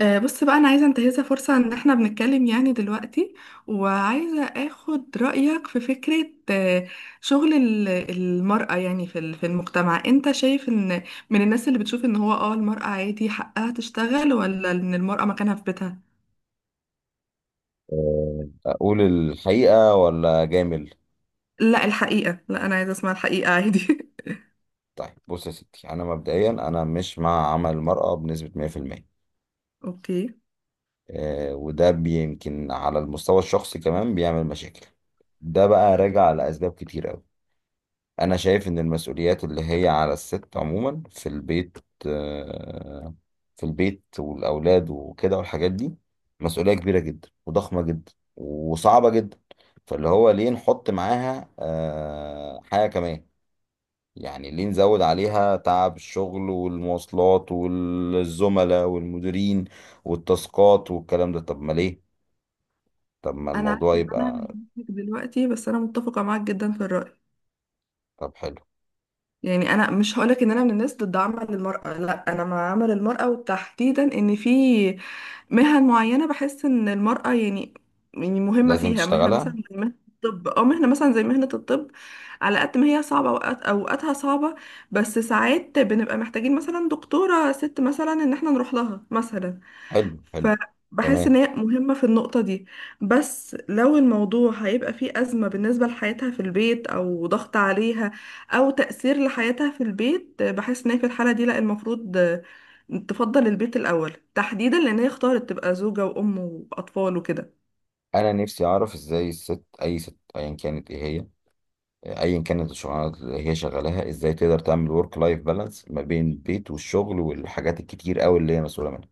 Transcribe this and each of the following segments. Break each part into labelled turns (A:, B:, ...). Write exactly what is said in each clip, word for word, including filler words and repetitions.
A: آه، بص بقى انا عايزه انتهزها فرصه ان احنا بنتكلم يعني دلوقتي، وعايزه اخد رايك في فكره. آه، شغل ال- المراه يعني في ال- في المجتمع، انت شايف ان من الناس اللي بتشوف ان هو اه المراه عادي حقها تشتغل، ولا ان المراه مكانها في بيتها؟
B: آه، اقول الحقيقه ولا جامل؟
A: لا الحقيقه، لا انا عايزه اسمع الحقيقه عادي.
B: طيب بص يا ستي، انا مبدئيا انا مش مع عمل المراه بنسبه مية في المية.
A: اوكي.
B: آه، وده يمكن على المستوى الشخصي كمان بيعمل مشاكل. ده بقى راجع لاسباب كتير قوي. انا شايف ان المسؤوليات اللي هي على الست عموما في البيت، آه، في البيت والاولاد وكده والحاجات دي مسؤوليه كبيره جدا وضخمه جدا وصعبه جدا. فاللي هو ليه نحط معاها آه، حاجه كمان؟ يعني ليه نزود عليها تعب الشغل والمواصلات والزملاء والمديرين والتاسكات والكلام ده؟ طب ما ليه؟ طب ما
A: انا عارفه
B: الموضوع
A: ان انا
B: يبقى.
A: هضحك دلوقتي، بس انا متفقه معاك جدا في الراي.
B: طب حلو،
A: يعني انا مش هقولك ان انا من الناس ضد عمل المرأة، لا انا مع عمل المرأة، وتحديدا ان في مهن معينة بحس ان المرأة يعني يعني مهمة
B: لازم
A: فيها. مهنة مثلا
B: تشتغلها.
A: زي مهنة الطب او مهنة مثلا زي مهنة الطب، على قد ما هي صعبة، اوقات اوقاتها صعبة، بس ساعات بنبقى محتاجين مثلا دكتورة ست مثلا ان احنا نروح لها مثلا.
B: حلو حلو.
A: فبحس ان
B: تمام.
A: هي مهمة في النقطة دي. بس لو الموضوع هيبقى فيه أزمة بالنسبة لحياتها في البيت، او ضغط عليها، او تأثير لحياتها في البيت، بحس ان هي في الحالة دي لا، المفروض تفضل البيت الأول، تحديدا لان هي اختارت تبقى زوجة وأم وأطفال وكده.
B: انا نفسي اعرف ازاي الست، اي ست ايا كانت ايه هي، ايا كانت الشغلانه اللي هي شغالاها، ازاي تقدر تعمل ورك لايف بالانس ما بين البيت والشغل والحاجات الكتير قوي اللي هي مسؤوله منها.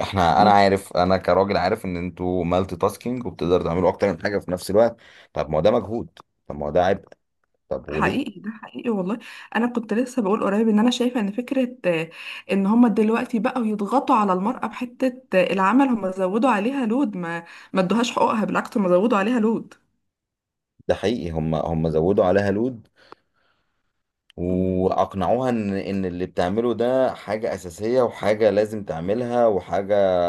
B: احنا، انا
A: مم.
B: عارف انا كراجل عارف ان انتوا مالتي تاسكينج وبتقدروا تعملوا اكتر من حاجه في نفس الوقت. طب ما هو ده مجهود، طب ما هو ده عبء، طب وليه؟
A: حقيقي، ده حقيقي والله. انا كنت لسه بقول قريب ان انا شايفه ان فكره، آه، ان هما دلوقتي بقوا يضغطوا على المراه بحته. آه، العمل هما زودوا عليها لود، ما ما ادوهاش حقوقها، بالعكس هما زودوا عليها لود.
B: ده حقيقي، هم هم زودوا عليها لود
A: مم.
B: واقنعوها ان ان اللي بتعمله ده حاجه اساسيه وحاجه لازم تعملها وحاجه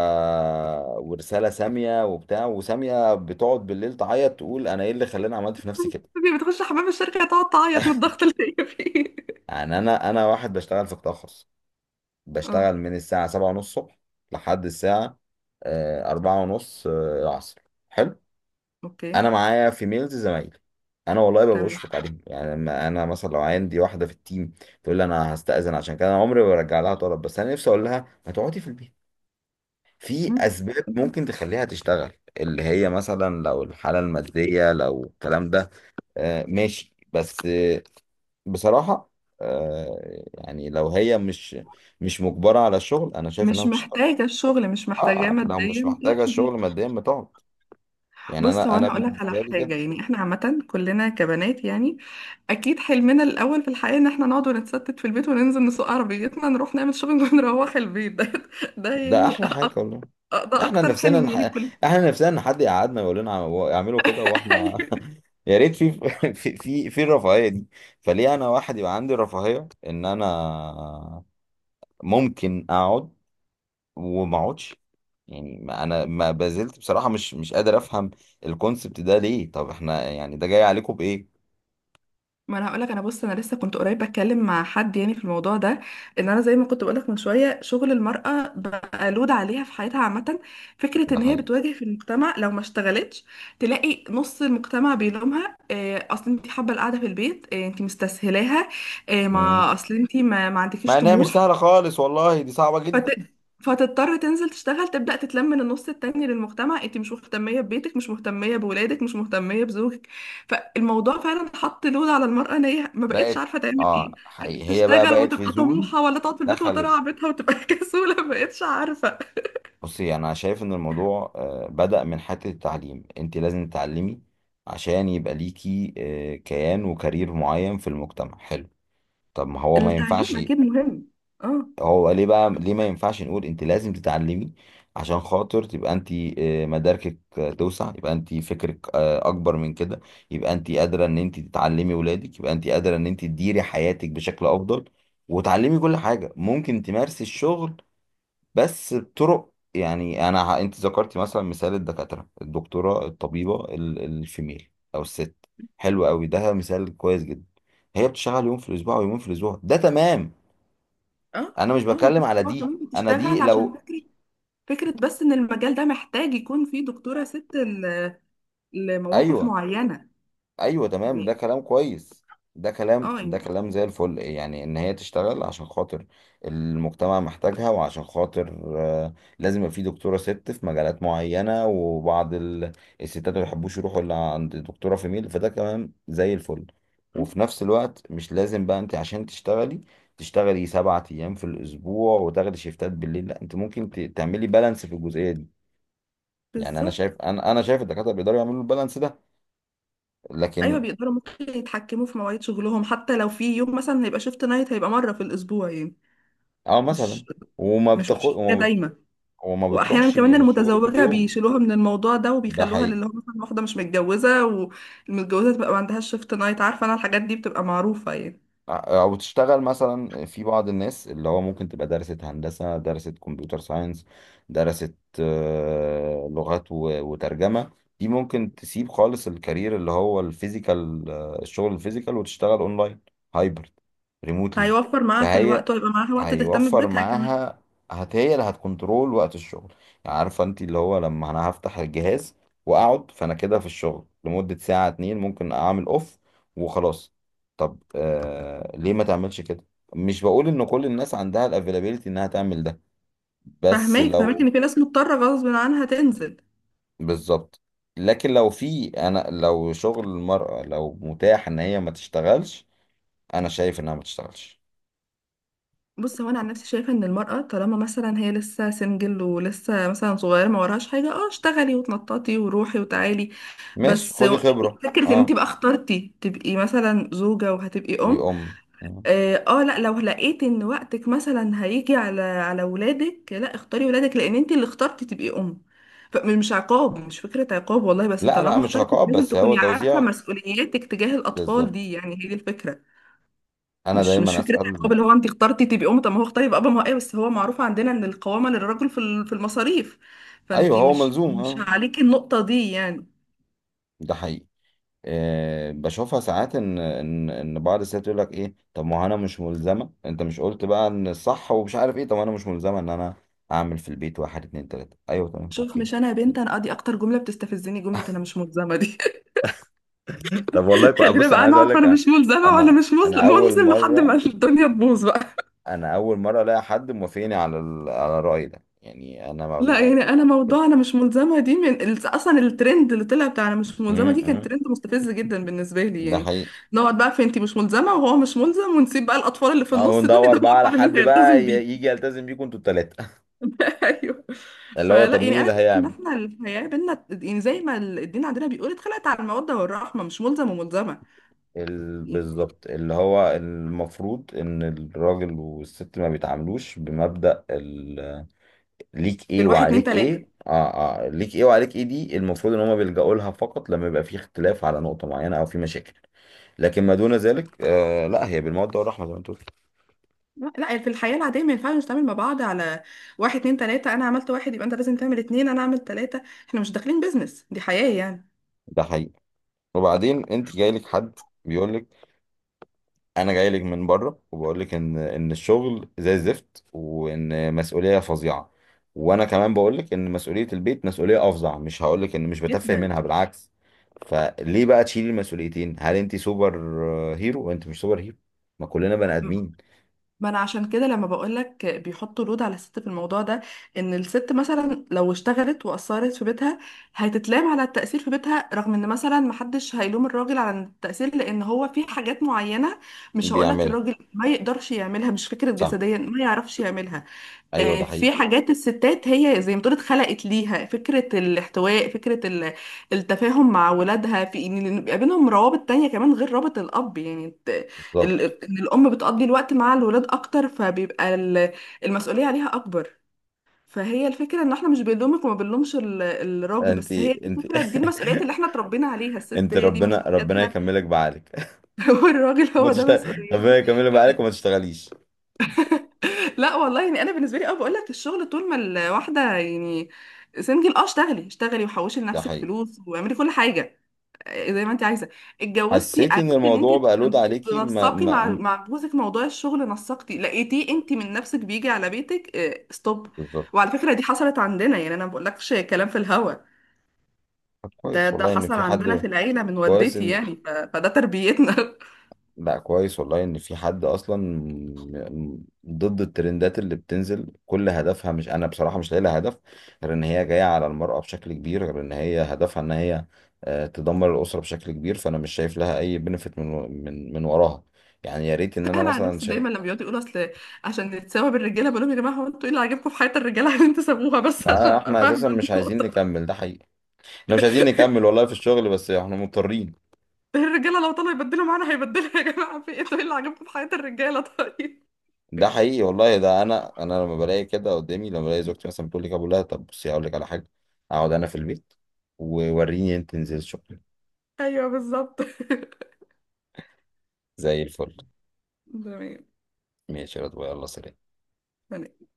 B: ورساله ساميه وبتاع، وساميه بتقعد بالليل تعيط تقول انا ايه اللي خلاني عملت في نفسي كده.
A: دي بتخش حمام الشركة تقعد تعيط من الضغط اللي هي فيه.
B: يعني انا انا واحد بشتغل في قطاع خاص،
A: اه،
B: بشتغل من الساعه سبعة ونص الصبح لحد الساعه آه، أربعة ونص آه، العصر. حلو.
A: اوكي،
B: انا معايا في ميلز زمايلي، انا والله ببقى
A: تمام.
B: بشفق عليهم. يعني لما انا مثلا لو عندي واحده في التيم تقول لي انا هستأذن عشان كده انا عمري ما برجع لها طلب، بس انا نفسي اقول لها ما تقعدي في البيت. في
A: مم.
B: اسباب ممكن تخليها تشتغل، اللي هي مثلا لو الحاله الماديه، لو الكلام ده آه، ماشي. بس بصراحة، آه، يعني لو هي مش مش مجبرة على الشغل أنا شايف إنها
A: مش
B: بتشتغل.
A: محتاجة الشغل، مش محتاجاه
B: آه، لو مش
A: ماديا، تقعد
B: محتاجة
A: في البيت.
B: الشغل ماديا بتقعد. يعني
A: بص هو
B: أنا أنا
A: أنا هقولك على
B: بالنسبة لي كده.
A: حاجة، يعني احنا عامة كلنا كبنات يعني، أكيد حلمنا الأول في الحياة إن احنا نقعد ونتستت في البيت وننزل نسوق عربيتنا، نروح نعمل شوبينج ونروح البيت. ده ده
B: ده
A: يعني،
B: أحلى حاجة والله.
A: أ- ده
B: إحنا
A: أكتر
B: نفسنا
A: حلم
B: نح...
A: يعني كل.
B: إحنا نفسنا إن حد يقعدنا يقول لنا عم- اعملوا كده وإحنا، يا ريت في في في في الرفاهية دي. فليه أنا واحد يبقى عندي الرفاهية إن أنا ممكن أقعد وما أقعدش؟ يعني ما انا ما بازلت بصراحة مش مش قادر افهم الكونسبت ده. ليه؟ طب احنا يعني ده جاي عليكم بايه؟
A: ما انا هقولك انا، بص انا لسه كنت قريب بتكلم مع حد يعني في الموضوع ده، ان انا زي ما كنت بقولك من شويه شغل المراه بقى لود عليها في حياتها عامه. فكره
B: ده
A: ان هي
B: حقيقي.
A: بتواجه في المجتمع لو ما اشتغلتش، تلاقي نص المجتمع بيلومها إيه، اصل انت حابه القعده في البيت، إيه انت مستسهلاها، إيه،
B: مم.
A: ما اصل انت ما, ما
B: مع
A: عندكيش
B: انها مش
A: طموح.
B: سهلة خالص، والله دي صعبة
A: فت...
B: جدا.
A: فتضطر تنزل تشتغل، تبدأ تتلم من النص التاني للمجتمع، انت مش مهتمية ببيتك، مش مهتمية بولادك، مش مهتمية بزوجك. فالموضوع فعلا حط لود على المرأة، ان هي ما بقتش
B: بقت،
A: عارفة تعمل ايه،
B: اه حقيقي هي بقى
A: تشتغل
B: بقت في
A: وتبقى
B: زون.
A: طموحة، ولا تقعد في البيت
B: دخلت.
A: وترعى بيتها وتبقى كسولة، ما بقتش عارفة.
B: بصي، انا شايف ان الموضوع آه، بدأ من حتة التعليم. انت لازم تتعلمي عشان يبقى ليكي آه، كيان وكارير معين في المجتمع. حلو، طب ما هو ما ينفعش،
A: التعليم اكيد مهم. اه،
B: هو ليه بقى ليه ما ينفعش نقول انت لازم تتعلمي عشان خاطر تبقى انت آه، مداركك آه، توسع، يبقى انت فكرك آه، اكبر من كده، يبقى انت قادره ان انت تتعلمي ولادك، يبقى انت قادره ان انت تديري حياتك بشكل افضل وتعلمي كل حاجه، ممكن تمارسي الشغل بس بطرق. يعني انا ه- انت ذكرتي مثلا مثال الدكاتره، الدكتوره الطبيبه، ال- الفيميل او الست، حلو قوي ده مثال كويس جدا. هي بتشتغل يوم في الاسبوع ويومين في الاسبوع، ده تمام.
A: اه،
B: انا مش
A: اه. ما
B: بتكلم
A: بقتش،
B: على
A: هو
B: دي،
A: كمان
B: انا دي
A: بتشتغل عشان
B: لو،
A: فكرة، فكرة بس ان المجال ده محتاج يكون فيه دكتورة ست ل- لمواقف
B: ايوه
A: معينة.
B: ايوه تمام، ده كلام كويس. ده كلام
A: اه
B: ده
A: يعني.
B: كلام زي الفل، يعني ان هي تشتغل عشان خاطر المجتمع محتاجها، وعشان خاطر آه، لازم يبقى في دكتوره ست في مجالات معينه، وبعض ال- الستات ما بيحبوش يروحوا الا عند دكتوره في ميل، فده كلام زي الفل. وفي نفس الوقت مش لازم بقى انت عشان تشتغلي تشتغلي سبعة ايام في الاسبوع وتاخدي شيفتات بالليل، لا انت ممكن ت- تعملي بالانس في الجزئيه دي. يعني انا
A: بالظبط.
B: شايف انا انا شايف الدكاتره بيقدروا يعملوا البالانس ده.
A: ايوه،
B: لكن
A: بيقدروا، ممكن يتحكموا في مواعيد شغلهم، حتى لو في يوم مثلا هيبقى شيفت نايت، هيبقى مره في الاسبوع يعني،
B: اه
A: مش
B: مثلا، وما
A: مش مش
B: بتاخد
A: حاجه
B: وما بت-
A: دايما.
B: وما
A: واحيانا
B: بتروحش
A: كمان
B: الشغل كل
A: المتزوجه
B: يوم.
A: بيشيلوها من الموضوع ده،
B: ده
A: وبيخلوها
B: حقيقي.
A: للي هو مثلا واحده مش متجوزه، والمتجوزه تبقى ما عندهاش شيفت نايت. عارفه، انا الحاجات دي بتبقى معروفه يعني.
B: ع- او تشتغل مثلا. في بعض الناس اللي هو ممكن تبقى درست هندسه، درست كمبيوتر ساينس، درست آه، لغات و- وترجمه، دي ممكن تسيب خالص الكارير اللي هو الفيزيكال، آه، الشغل الفيزيكال، وتشتغل اونلاين، هايبرد، ريموتلي.
A: هيوفر معاها في
B: فهي
A: الوقت، ويبقى معاها وقت تهتم
B: هيوفر
A: ببيتها كمان.
B: معاها. هت هي اللي هتكنترول وقت الشغل. يعني عارفه انت اللي هو لما انا هفتح الجهاز واقعد، فانا كده في الشغل لمده ساعه اتنين ممكن اعمل اوف وخلاص. طب آه ليه ما تعملش كده؟ مش بقول ان كل الناس عندها الافيلابيلتي انها تعمل ده، بس
A: فهماك، فهماك
B: لو،
A: ان في ناس مضطره غصب عنها تنزل.
B: بالظبط، لكن لو في، انا لو شغل المرأة لو متاح ان هي ما تشتغلش انا شايف انها ما تشتغلش.
A: بص هو انا عن نفسي شايفه ان المراه طالما مثلا هي لسه سنجل، ولسه مثلا صغيره ما وراهاش حاجه، اه اشتغلي وتنططي وروحي وتعالي،
B: ماشي،
A: بس
B: خدي
A: يعني
B: خبرة،
A: فكره ان انت
B: اه.
A: بقى اخترتي تبقي مثلا زوجه وهتبقي ام،
B: تبقي ام.
A: اه. آه، لا، لو لقيتي ان وقتك مثلا هيجي على على ولادك، لا اختاري ولادك، لان انت اللي اخترتي تبقي ام. فمش عقاب، مش فكره عقاب والله، بس
B: لا لا،
A: طالما
B: مش
A: اخترتي
B: عقاب،
A: لازم
B: بس هو
A: تكوني عارفه
B: توزيع.
A: مسؤولياتك تجاه الاطفال
B: بالظبط.
A: دي، يعني هي دي الفكره.
B: انا
A: مش مش
B: دايما
A: فكره حجاب
B: اسال.
A: اللي هو انت اخترتي تبقي ام، طب ما هو اختار يبقى اب، ما هو ايه، بس هو معروف عندنا ان القوامه للرجل في ال- في المصاريف،
B: ايوه،
A: فانت
B: هو
A: مش
B: ملزوم
A: مش
B: اه.
A: عليكي النقطه دي يعني.
B: ده حقيقي. أه، بشوفها ساعات ان ان ان بعض الستات يقول لك ايه، طب ما هو انا مش ملزمه، انت مش قلت بقى ان الصح ومش عارف ايه، طب انا مش ملزمه ان انا اعمل في البيت واحد اتنين تلاته، ايوه تمام
A: شوف،
B: اوكي.
A: مش انا يا بنت، انا ادي اكتر جمله بتستفزني جمله «انا مش ملزمه» دي.
B: طب والله كو...
A: خلينا
B: بص انا
A: بقى
B: عايز اقول
A: نقعد،
B: لك
A: فانا
B: انا،
A: مش ملزمه وانا
B: انا
A: مش
B: أنا
A: ملزم،
B: اول
A: ملزم لحد ما
B: مره،
A: الدنيا تبوظ بقى.
B: انا اول مره الاقي حد موافقني على ال... على الراي ده. يعني انا ما...
A: لا
B: ما-
A: يعني انا موضوع «انا مش ملزمه» دي من ال- اصلا الترند اللي طلع بتاع «انا مش
B: م-
A: ملزمه» دي كان
B: م.
A: ترند مستفز جدا بالنسبه لي
B: ده
A: يعني.
B: حقيقي.
A: نقعد بقى في «انت مش ملزمه وهو مش ملزم»، ونسيب بقى الاطفال اللي في
B: اهو
A: النص دول
B: ندور
A: يدوروا
B: بقى على
A: على مين
B: حد بقى
A: هيلتزم بيه.
B: ي- يجي يلتزم بيكم انتوا التلاتة.
A: ايوه.
B: اللي هو طب
A: فلا يعني
B: مين
A: انا
B: اللي
A: شايفه ان
B: هيعمل،
A: احنا الحياه بينا، يعني زي ما الدين عندنا بيقول، اتخلقت على الموده والرحمه، مش ملزم وملزمه
B: ال-
A: يعني،
B: بالظبط. اللي هو المفروض ان الراجل والست ما بيتعاملوش بمبدأ ال- ليك ايه
A: الواحد اتنين
B: وعليك ايه.
A: تلاته.
B: اه اه ليك ايه وعليك ايه دي المفروض ان هما بيلجأوا لها فقط لما يبقى في اختلاف على نقطة معينة او في مشاكل، لكن ما دون ذلك آه لا، هي بالمودة والرحمة زي ما انت قلت.
A: لا لا، يعني في الحياه العاديه ما ينفعش نتعامل مع بعض على واحد اتنين تلاته، انا عملت واحد يبقى انت لازم تعمل اتنين، انا عملت تلاته. احنا مش داخلين بيزنس، دي حياه يعني.
B: ده حقيقي. وبعدين انت جاي لك حد بيقول انا جاي لك من بره وبقول لك ان ان الشغل زي الزفت وان مسؤوليه فظيعه، وانا كمان بقول لك ان مسؤوليه البيت مسؤوليه افظع، مش هقول لك ان مش بتفه
A: جدا.
B: منها، بالعكس. فليه بقى تشيلي المسؤوليتين؟ هل انت سوبر هيرو؟ وانت مش سوبر هيرو، ما كلنا بني ادمين.
A: ما انا عشان كده لما بقولك بيحطوا لود على الست في الموضوع ده، ان الست مثلا لو اشتغلت وقصرت في بيتها هتتلام على التأثير في بيتها، رغم ان مثلا محدش هيلوم الراجل على التأثير، لان هو في حاجات معينة مش هقولك
B: بيعملها،
A: الراجل ما يقدرش يعملها، مش فكرة
B: صح.
A: جسديا ما يعرفش يعملها.
B: ايوه
A: آه،
B: ده حقيقي.
A: في حاجات الستات هي زي ما تقول اتخلقت ليها، فكرة الاحتواء، فكرة ال- التفاهم مع ولادها، في ان يبقى بينهم روابط تانية كمان غير رابط الأب يعني، الت- ال-
B: بالظبط.
A: ان الأم بتقضي الوقت مع الولاد أكتر، فبيبقى ال- المسؤولية عليها أكبر. فهي الفكرة ان احنا مش بنلومك، وما بنلومش ال- الراجل،
B: انت
A: بس هي
B: انت
A: الفكرة دي، المسؤوليات اللي احنا اتربينا عليها الست
B: انت
A: هي دي
B: ربنا، ربنا
A: مسؤولياتها،
B: يكملك بعقلك.
A: والراجل
B: ما
A: هو ده
B: تشتغل ربنا
A: مسؤوليته.
B: يكملك بعقلك وما تشتغليش.
A: لا والله، يعني انا بالنسبه لي اه بقول لك الشغل طول ما الواحده يعني سنجل، اه اشتغلي اشتغلي، وحوشي
B: ده
A: لنفسك
B: حقيقي.
A: فلوس واعملي كل حاجه آه، زي ما انت عايزه. اتجوزتي،
B: حسيت ان
A: عرفتي ان انت
B: الموضوع بقى لود عليكي، ما
A: تنسقي مع
B: ما
A: مع جوزك موضوع الشغل، نسقتي لقيتيه انت من نفسك بيجي على بيتك، اه ستوب.
B: بالظبط.
A: وعلى فكره دي حصلت عندنا، يعني انا ما بقولكش كلام في الهوا،
B: طب
A: ده
B: كويس
A: ده
B: والله ان
A: حصل
B: في
A: عندنا
B: حد،
A: في العيله من
B: كويس
A: والدتي
B: ان،
A: يعني، ف... فده تربيتنا.
B: لا كويس والله ان في حد اصلا م- م- ضد الترندات اللي بتنزل، كل هدفها، مش انا بصراحة مش لاقي لها هدف غير ان هي جاية على المرأة بشكل كبير، غير ان هي هدفها ان هي آه، تدمر الأسرة بشكل كبير. فانا مش شايف لها اي بنفيت من و- من من وراها، يعني. يا ريت ان انا
A: انا عن
B: مثلا
A: نفسي
B: شايف،
A: دايما لما بيقعدوا يقولوا اصل عشان نتساوى بالرجاله، بقول لهم يا جماعه هو انتوا ايه اللي عاجبكم في حياه الرجاله عشان تسابوها بس؟ عشان
B: آه،
A: ابقى
B: احنا اساسا
A: فاهمه
B: مش عايزين
A: النقطه.
B: نكمل. ده حقيقي، احنا مش عايزين نكمل والله في الشغل بس احنا مضطرين.
A: الرجاله لو طلعوا يبدلوا معانا هيبدلوا، يا جماعه في ايه، انتوا ايه اللي عاجبكم في حياه الرجاله؟ طيب.
B: ده حقيقي والله. ده انا، انا لما بلاقي كده قدامي، لما بلاقي زوجتي مثلا بتقول لي ابو الله، طب بصي هقول لك على حاجه، اقعد انا في البيت ووريني انت تنزل شغل.
A: ايوه بالظبط.
B: زي الفل.
A: تمام.
B: ماشي يا رضوى، يلا سلام.
A: يعني.